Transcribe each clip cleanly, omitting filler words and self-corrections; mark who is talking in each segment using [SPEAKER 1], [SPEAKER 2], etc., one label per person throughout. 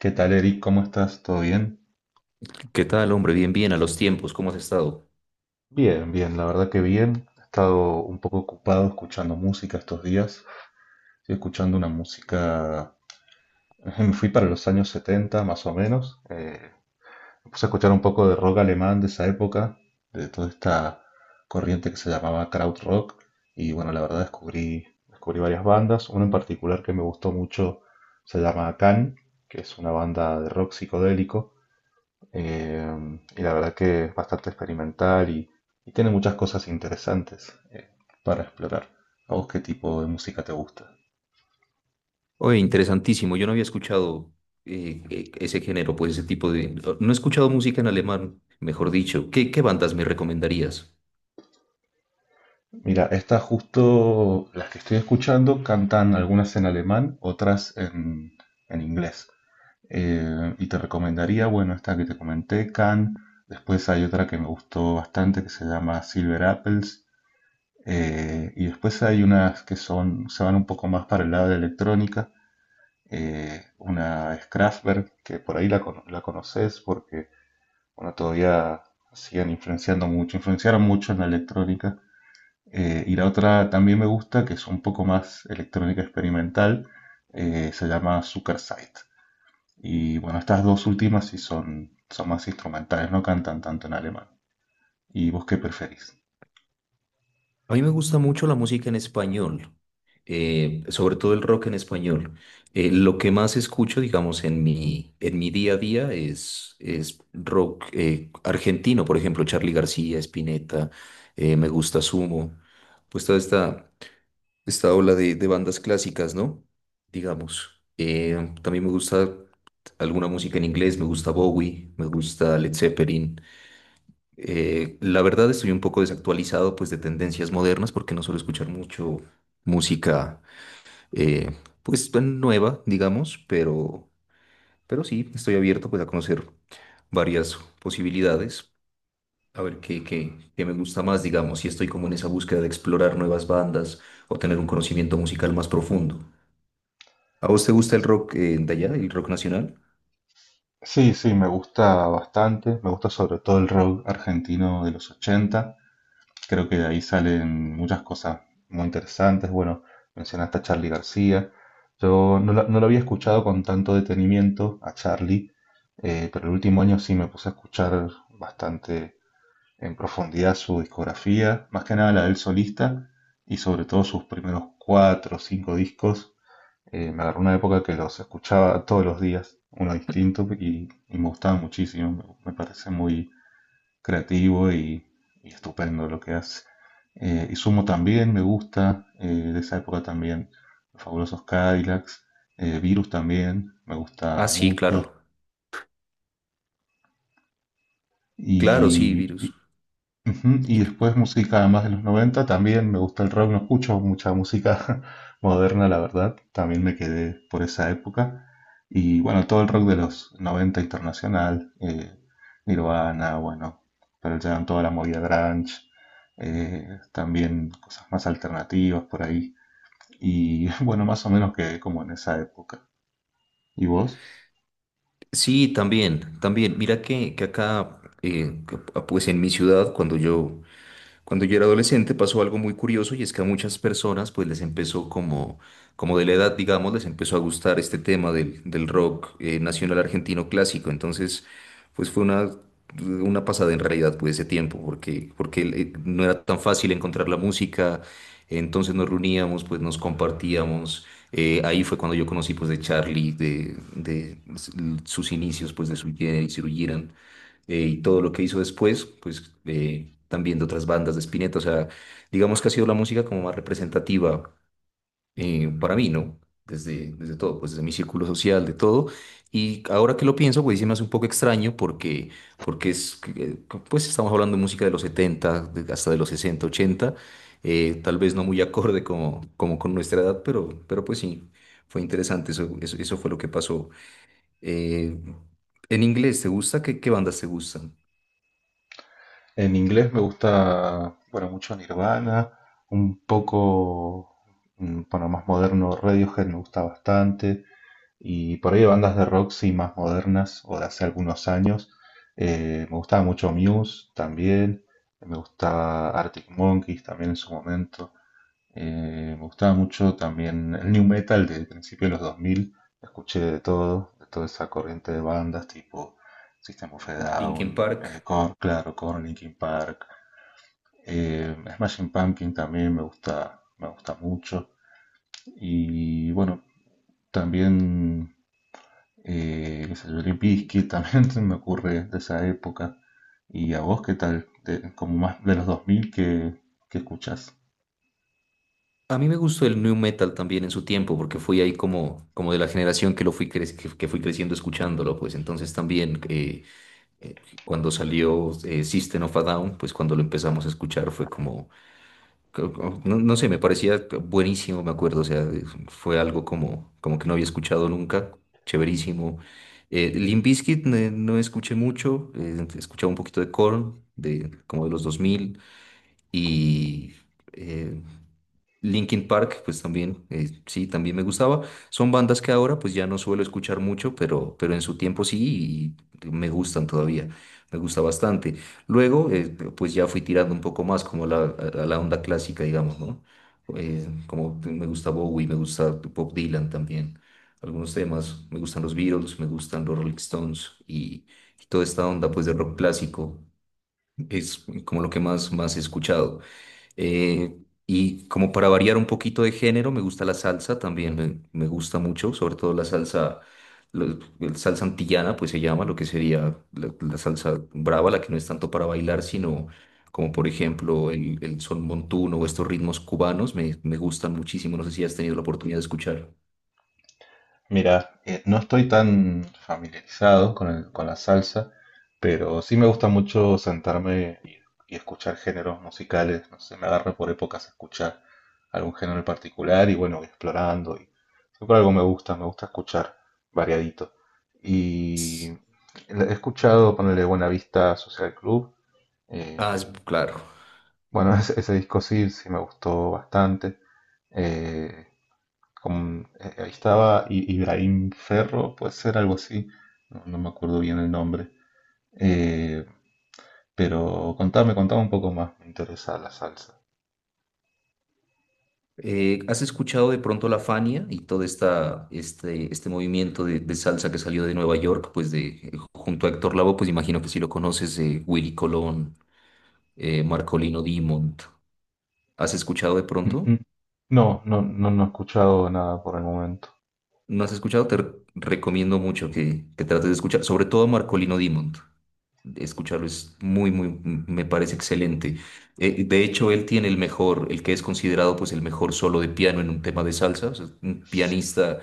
[SPEAKER 1] ¿Qué tal, Eric? ¿Cómo estás? ¿Todo bien?
[SPEAKER 2] ¿Qué tal, hombre? Bien, bien, a los tiempos, ¿cómo has estado?
[SPEAKER 1] Bien, bien, la verdad que bien. He estado un poco ocupado escuchando música estos días. Estoy escuchando una música... Me fui para los años 70, más o menos. Me puse a escuchar un poco de rock alemán de esa época, de toda esta corriente que se llamaba krautrock. Y bueno, la verdad descubrí varias bandas. Una en particular que me gustó mucho se llama Can, que es una banda de rock psicodélico. Y la verdad que es bastante experimental y tiene muchas cosas interesantes para explorar. ¿A vos qué tipo de música te gusta?
[SPEAKER 2] Oye, interesantísimo, yo no había escuchado ese género, pues ese tipo de... No he escuchado música en alemán, mejor dicho. ¿Qué bandas me recomendarías?
[SPEAKER 1] Mira, estas justo las que estoy escuchando cantan algunas en alemán, en inglés. Y te recomendaría, bueno, esta que te comenté, Can. Después hay otra que me gustó bastante que se llama Silver Apples. Y después hay unas que son, se van un poco más para el lado de electrónica, una es Kraftwerk, que por ahí la conoces porque bueno, todavía siguen influenciando mucho, influenciaron mucho en la electrónica. Y la otra también me gusta, que es un poco más electrónica experimental, se llama Zuckerzeit. Y bueno, estas dos últimas sí son más instrumentales, no cantan tanto en alemán. ¿Y vos qué preferís?
[SPEAKER 2] A mí me gusta mucho la música en español, sobre todo el rock en español. Lo que más escucho, digamos, en mi día a día es rock argentino, por ejemplo, Charly García, Spinetta, me gusta Sumo, pues toda esta... esta ola de bandas clásicas, ¿no? Digamos. También me gusta alguna música en inglés, me gusta Bowie, me gusta Led Zeppelin. La verdad estoy un poco desactualizado pues de tendencias modernas porque no suelo escuchar mucho música eh, pues tan nueva, digamos, pero sí, estoy abierto pues a conocer varias posibilidades. A ver qué me gusta más, digamos, y estoy como en esa búsqueda de explorar nuevas bandas o tener un conocimiento musical más profundo. ¿A vos te gusta el rock de allá, el rock nacional?
[SPEAKER 1] Sí, sí, me gusta bastante. Me gusta sobre todo el rock argentino de los 80. Creo que de ahí salen muchas cosas muy interesantes. Bueno, mencionaste a Charlie García. Yo no lo había escuchado con tanto detenimiento a Charlie, pero el último año sí me puse a escuchar bastante en profundidad su discografía, más que nada la del solista y sobre todo sus primeros cuatro o cinco discos. Me agarró una época que los escuchaba todos los días, uno distinto, y me gustaba muchísimo. Me parece muy creativo y estupendo lo que hace. Y sumo también me gusta, de esa época también, los fabulosos Cadillacs, Virus también, me
[SPEAKER 2] Ah,
[SPEAKER 1] gusta
[SPEAKER 2] sí,
[SPEAKER 1] mucho.
[SPEAKER 2] claro. Claro, sí,
[SPEAKER 1] Y
[SPEAKER 2] Virus.
[SPEAKER 1] ujú, y
[SPEAKER 2] Y,
[SPEAKER 1] después música además de los 90 también me gusta el rock, no escucho mucha música moderna, la verdad, también me quedé por esa época. Y bueno, todo el rock de los 90 internacional, Nirvana, bueno, pero Jam, toda la movida grunge, también cosas más alternativas por ahí. Y bueno, más o menos quedé como en esa época. ¿Y vos?
[SPEAKER 2] sí, también, también. Mira que acá, pues en mi ciudad, Cuando yo era adolescente pasó algo muy curioso y es que a muchas personas pues les empezó como, como de la edad, digamos, les empezó a gustar este tema del rock nacional argentino clásico. Entonces, pues fue una pasada en realidad pues ese tiempo porque, porque no era tan fácil encontrar la música. Entonces nos reuníamos, pues nos compartíamos. Ahí fue cuando yo conocí pues de Charlie, de pues, sus inicios pues de su Generis y todo lo que hizo después, pues también de otras bandas de Spinetta. O sea, digamos que ha sido la música como más representativa para mí, ¿no? Desde todo, pues desde mi círculo social, de todo. Y ahora que lo pienso, pues sí me hace un poco extraño porque, porque es, que, eh, pues estamos hablando de música de los 70 hasta de los 60 80 tal vez no muy acorde como, como con nuestra edad, pero pues sí, fue interesante, eso fue lo que pasó. Eh, en inglés, ¿te gusta? ¿Qué bandas te gustan?
[SPEAKER 1] En inglés me gusta, bueno, mucho Nirvana, un poco, mm, bueno, más moderno Radiohead me gusta bastante, y por ahí bandas de rock sí más modernas o de hace algunos años. Me gustaba mucho Muse también, me gustaba Arctic Monkeys también en su momento. Me gustaba mucho también el new metal de principios de los 2000. Escuché de todo, de toda esa corriente de bandas tipo System of a
[SPEAKER 2] Linkin
[SPEAKER 1] Down,
[SPEAKER 2] Park.
[SPEAKER 1] Korn, claro, Korn, Linkin Park, Smashing Pumpkin también me gusta mucho. Y bueno, también, qué sé yo, Limp Bizkit también se me ocurre de esa época. ¿Y a vos qué tal? De- como más de los 2000 que escuchás.
[SPEAKER 2] A mí me gustó el new metal también en su tiempo, porque fui ahí como, como de la generación que que fui creciendo escuchándolo, pues entonces también cuando salió System of a Down, pues cuando lo empezamos a escuchar fue como, no, no sé, me parecía buenísimo, me acuerdo, o sea, fue algo como, como que no había escuchado nunca, chéverísimo. Limp Bizkit no escuché mucho, escuchaba un poquito de Korn, de, como de los 2000 y... eh, Linkin Park, pues también, sí, también me gustaba. Son bandas que ahora pues ya no suelo escuchar mucho, pero en su tiempo sí y me gustan todavía, me gusta bastante. Luego, pues ya fui tirando un poco más como a la onda clásica, digamos, ¿no? Como me gusta Bowie, me gusta Bob Dylan también, algunos temas, me gustan los Beatles, me gustan los Rolling Stones y toda esta onda pues de rock clásico es como lo que más, más he escuchado. Eh, y como para variar un poquito de género, me gusta la salsa también, me gusta mucho, sobre todo la salsa, el salsa antillana, pues se llama, lo que sería la salsa brava, la que no es tanto para bailar, sino como por ejemplo el son montuno o estos ritmos cubanos, me gustan muchísimo, no sé si has tenido la oportunidad de escuchar.
[SPEAKER 1] Mira, no estoy tan familiarizado con con la salsa, pero sí me gusta mucho sentarme y escuchar géneros musicales. No sé, me agarra por épocas a escuchar algún género en particular y bueno, voy explorando. Y siempre algo me gusta escuchar variadito. Y he escuchado, ponerle Buena Vista Social Club. eh,
[SPEAKER 2] Claro.
[SPEAKER 1] bueno, ese disco sí, sí me gustó bastante. Eh, Ahí estaba Ibrahim Ferro, puede ser algo así, no me acuerdo bien el nombre. Eh, pero contame un poco más, me interesa la salsa.
[SPEAKER 2] ¿Has escuchado de pronto la Fania y todo este movimiento de salsa que salió de Nueva York, pues de, junto a Héctor Lavoe, pues imagino que si lo conoces, Willy Colón, Marcolino Dimond. ¿Has escuchado de pronto?
[SPEAKER 1] Ujú. No, no, no, no he escuchado nada por el momento.
[SPEAKER 2] ¿No has escuchado? Recomiendo mucho que trates de escuchar, sobre todo a Marcolino Dimond. Escucharlo es muy, muy, me parece excelente. De hecho, él tiene el mejor, el que es considerado pues el mejor solo de piano en un tema de salsa, o sea, un pianista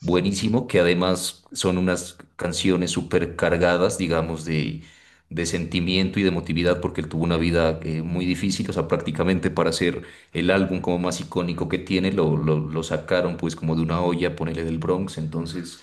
[SPEAKER 2] buenísimo, que además son unas canciones súper cargadas, digamos, de sentimiento y de emotividad, porque él tuvo una vida muy difícil, o sea, prácticamente para hacer el álbum como más icónico que tiene, lo sacaron pues como de una olla, ponele del Bronx, entonces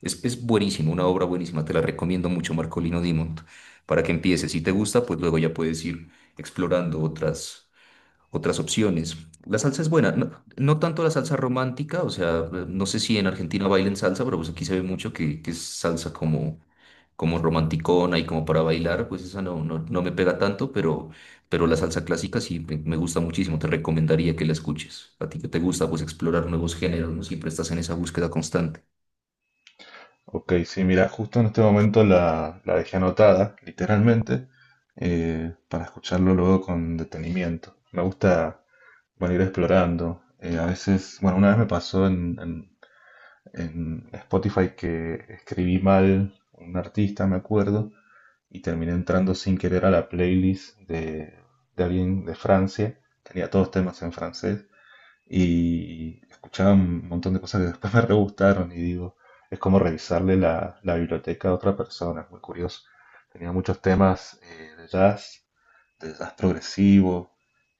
[SPEAKER 2] es buenísimo, una obra buenísima, te la recomiendo mucho, Marcolino Dimond, para que empieces, si te gusta, pues luego ya puedes ir explorando otras otras opciones. La salsa es buena, no, no tanto la salsa romántica, o sea, no sé si en Argentina bailen salsa, pero pues aquí se ve mucho que es salsa como, como romanticona y como para bailar, pues esa no, no, no me pega tanto, pero la salsa clásica sí me gusta muchísimo, te recomendaría que la escuches. A ti que te gusta pues explorar nuevos géneros, no siempre estás en esa búsqueda constante.
[SPEAKER 1] Ok, sí, mira, justo en este momento la dejé anotada, literalmente, para escucharlo luego con detenimiento. Me gusta, bueno, ir explorando. A veces, bueno, una vez me pasó en Spotify que escribí mal un artista, me acuerdo, y terminé entrando sin querer a la playlist de alguien de Francia. Tenía todos temas en francés y escuchaba un montón de cosas que después me re gustaron y digo, es como revisarle la biblioteca a otra persona, es muy curioso. Tenía muchos temas de jazz progresivo,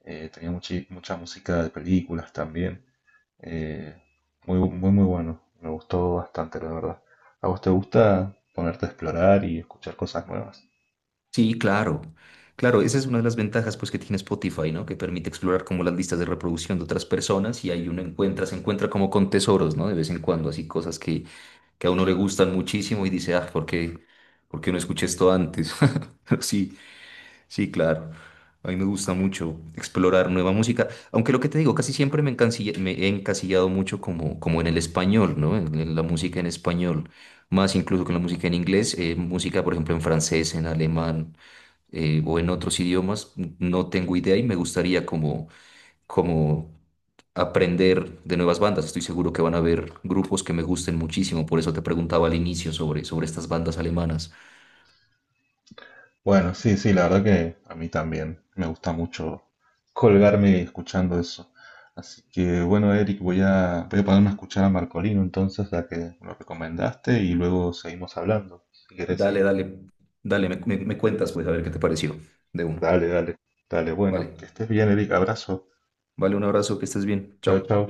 [SPEAKER 1] tenía mucha música de películas también. Eh, Muy bueno. Me gustó bastante, la verdad. ¿A vos te gusta ponerte a explorar y escuchar cosas nuevas?
[SPEAKER 2] Sí, claro. Claro, esa es una de las ventajas pues que tiene Spotify, ¿no? Que permite explorar como las listas de reproducción de otras personas y ahí uno encuentra, se encuentra como con tesoros, ¿no? De vez en cuando, así cosas que a uno le gustan muchísimo y dice, ah, ¿por qué no escuché esto antes? Pero sí, sí, claro. A mí me gusta mucho explorar nueva música, aunque lo que te digo, casi siempre me he encasillado mucho como, como en el español, ¿no? En la música en español, más incluso que en la música en inglés, música, por ejemplo, en francés, en alemán o en otros idiomas, no tengo idea y me gustaría como, como aprender de nuevas bandas. Estoy seguro que van a haber grupos que me gusten muchísimo, por eso te preguntaba al inicio sobre, sobre estas bandas alemanas.
[SPEAKER 1] Bueno, sí, sí, la verdad que a mí también me gusta mucho colgarme escuchando eso. Así que bueno, Eric, voy a ponerme a escuchar a Marcolino entonces, la que lo recomendaste, y luego seguimos hablando. Si querés, sí.
[SPEAKER 2] Dale, dale, dale, me cuentas pues a ver qué te pareció de una.
[SPEAKER 1] Dale, dale. Dale, bueno,
[SPEAKER 2] Vale,
[SPEAKER 1] que estés bien, Eric. Abrazo.
[SPEAKER 2] vale, un abrazo, que estés bien,
[SPEAKER 1] Chao, chao.
[SPEAKER 2] chao.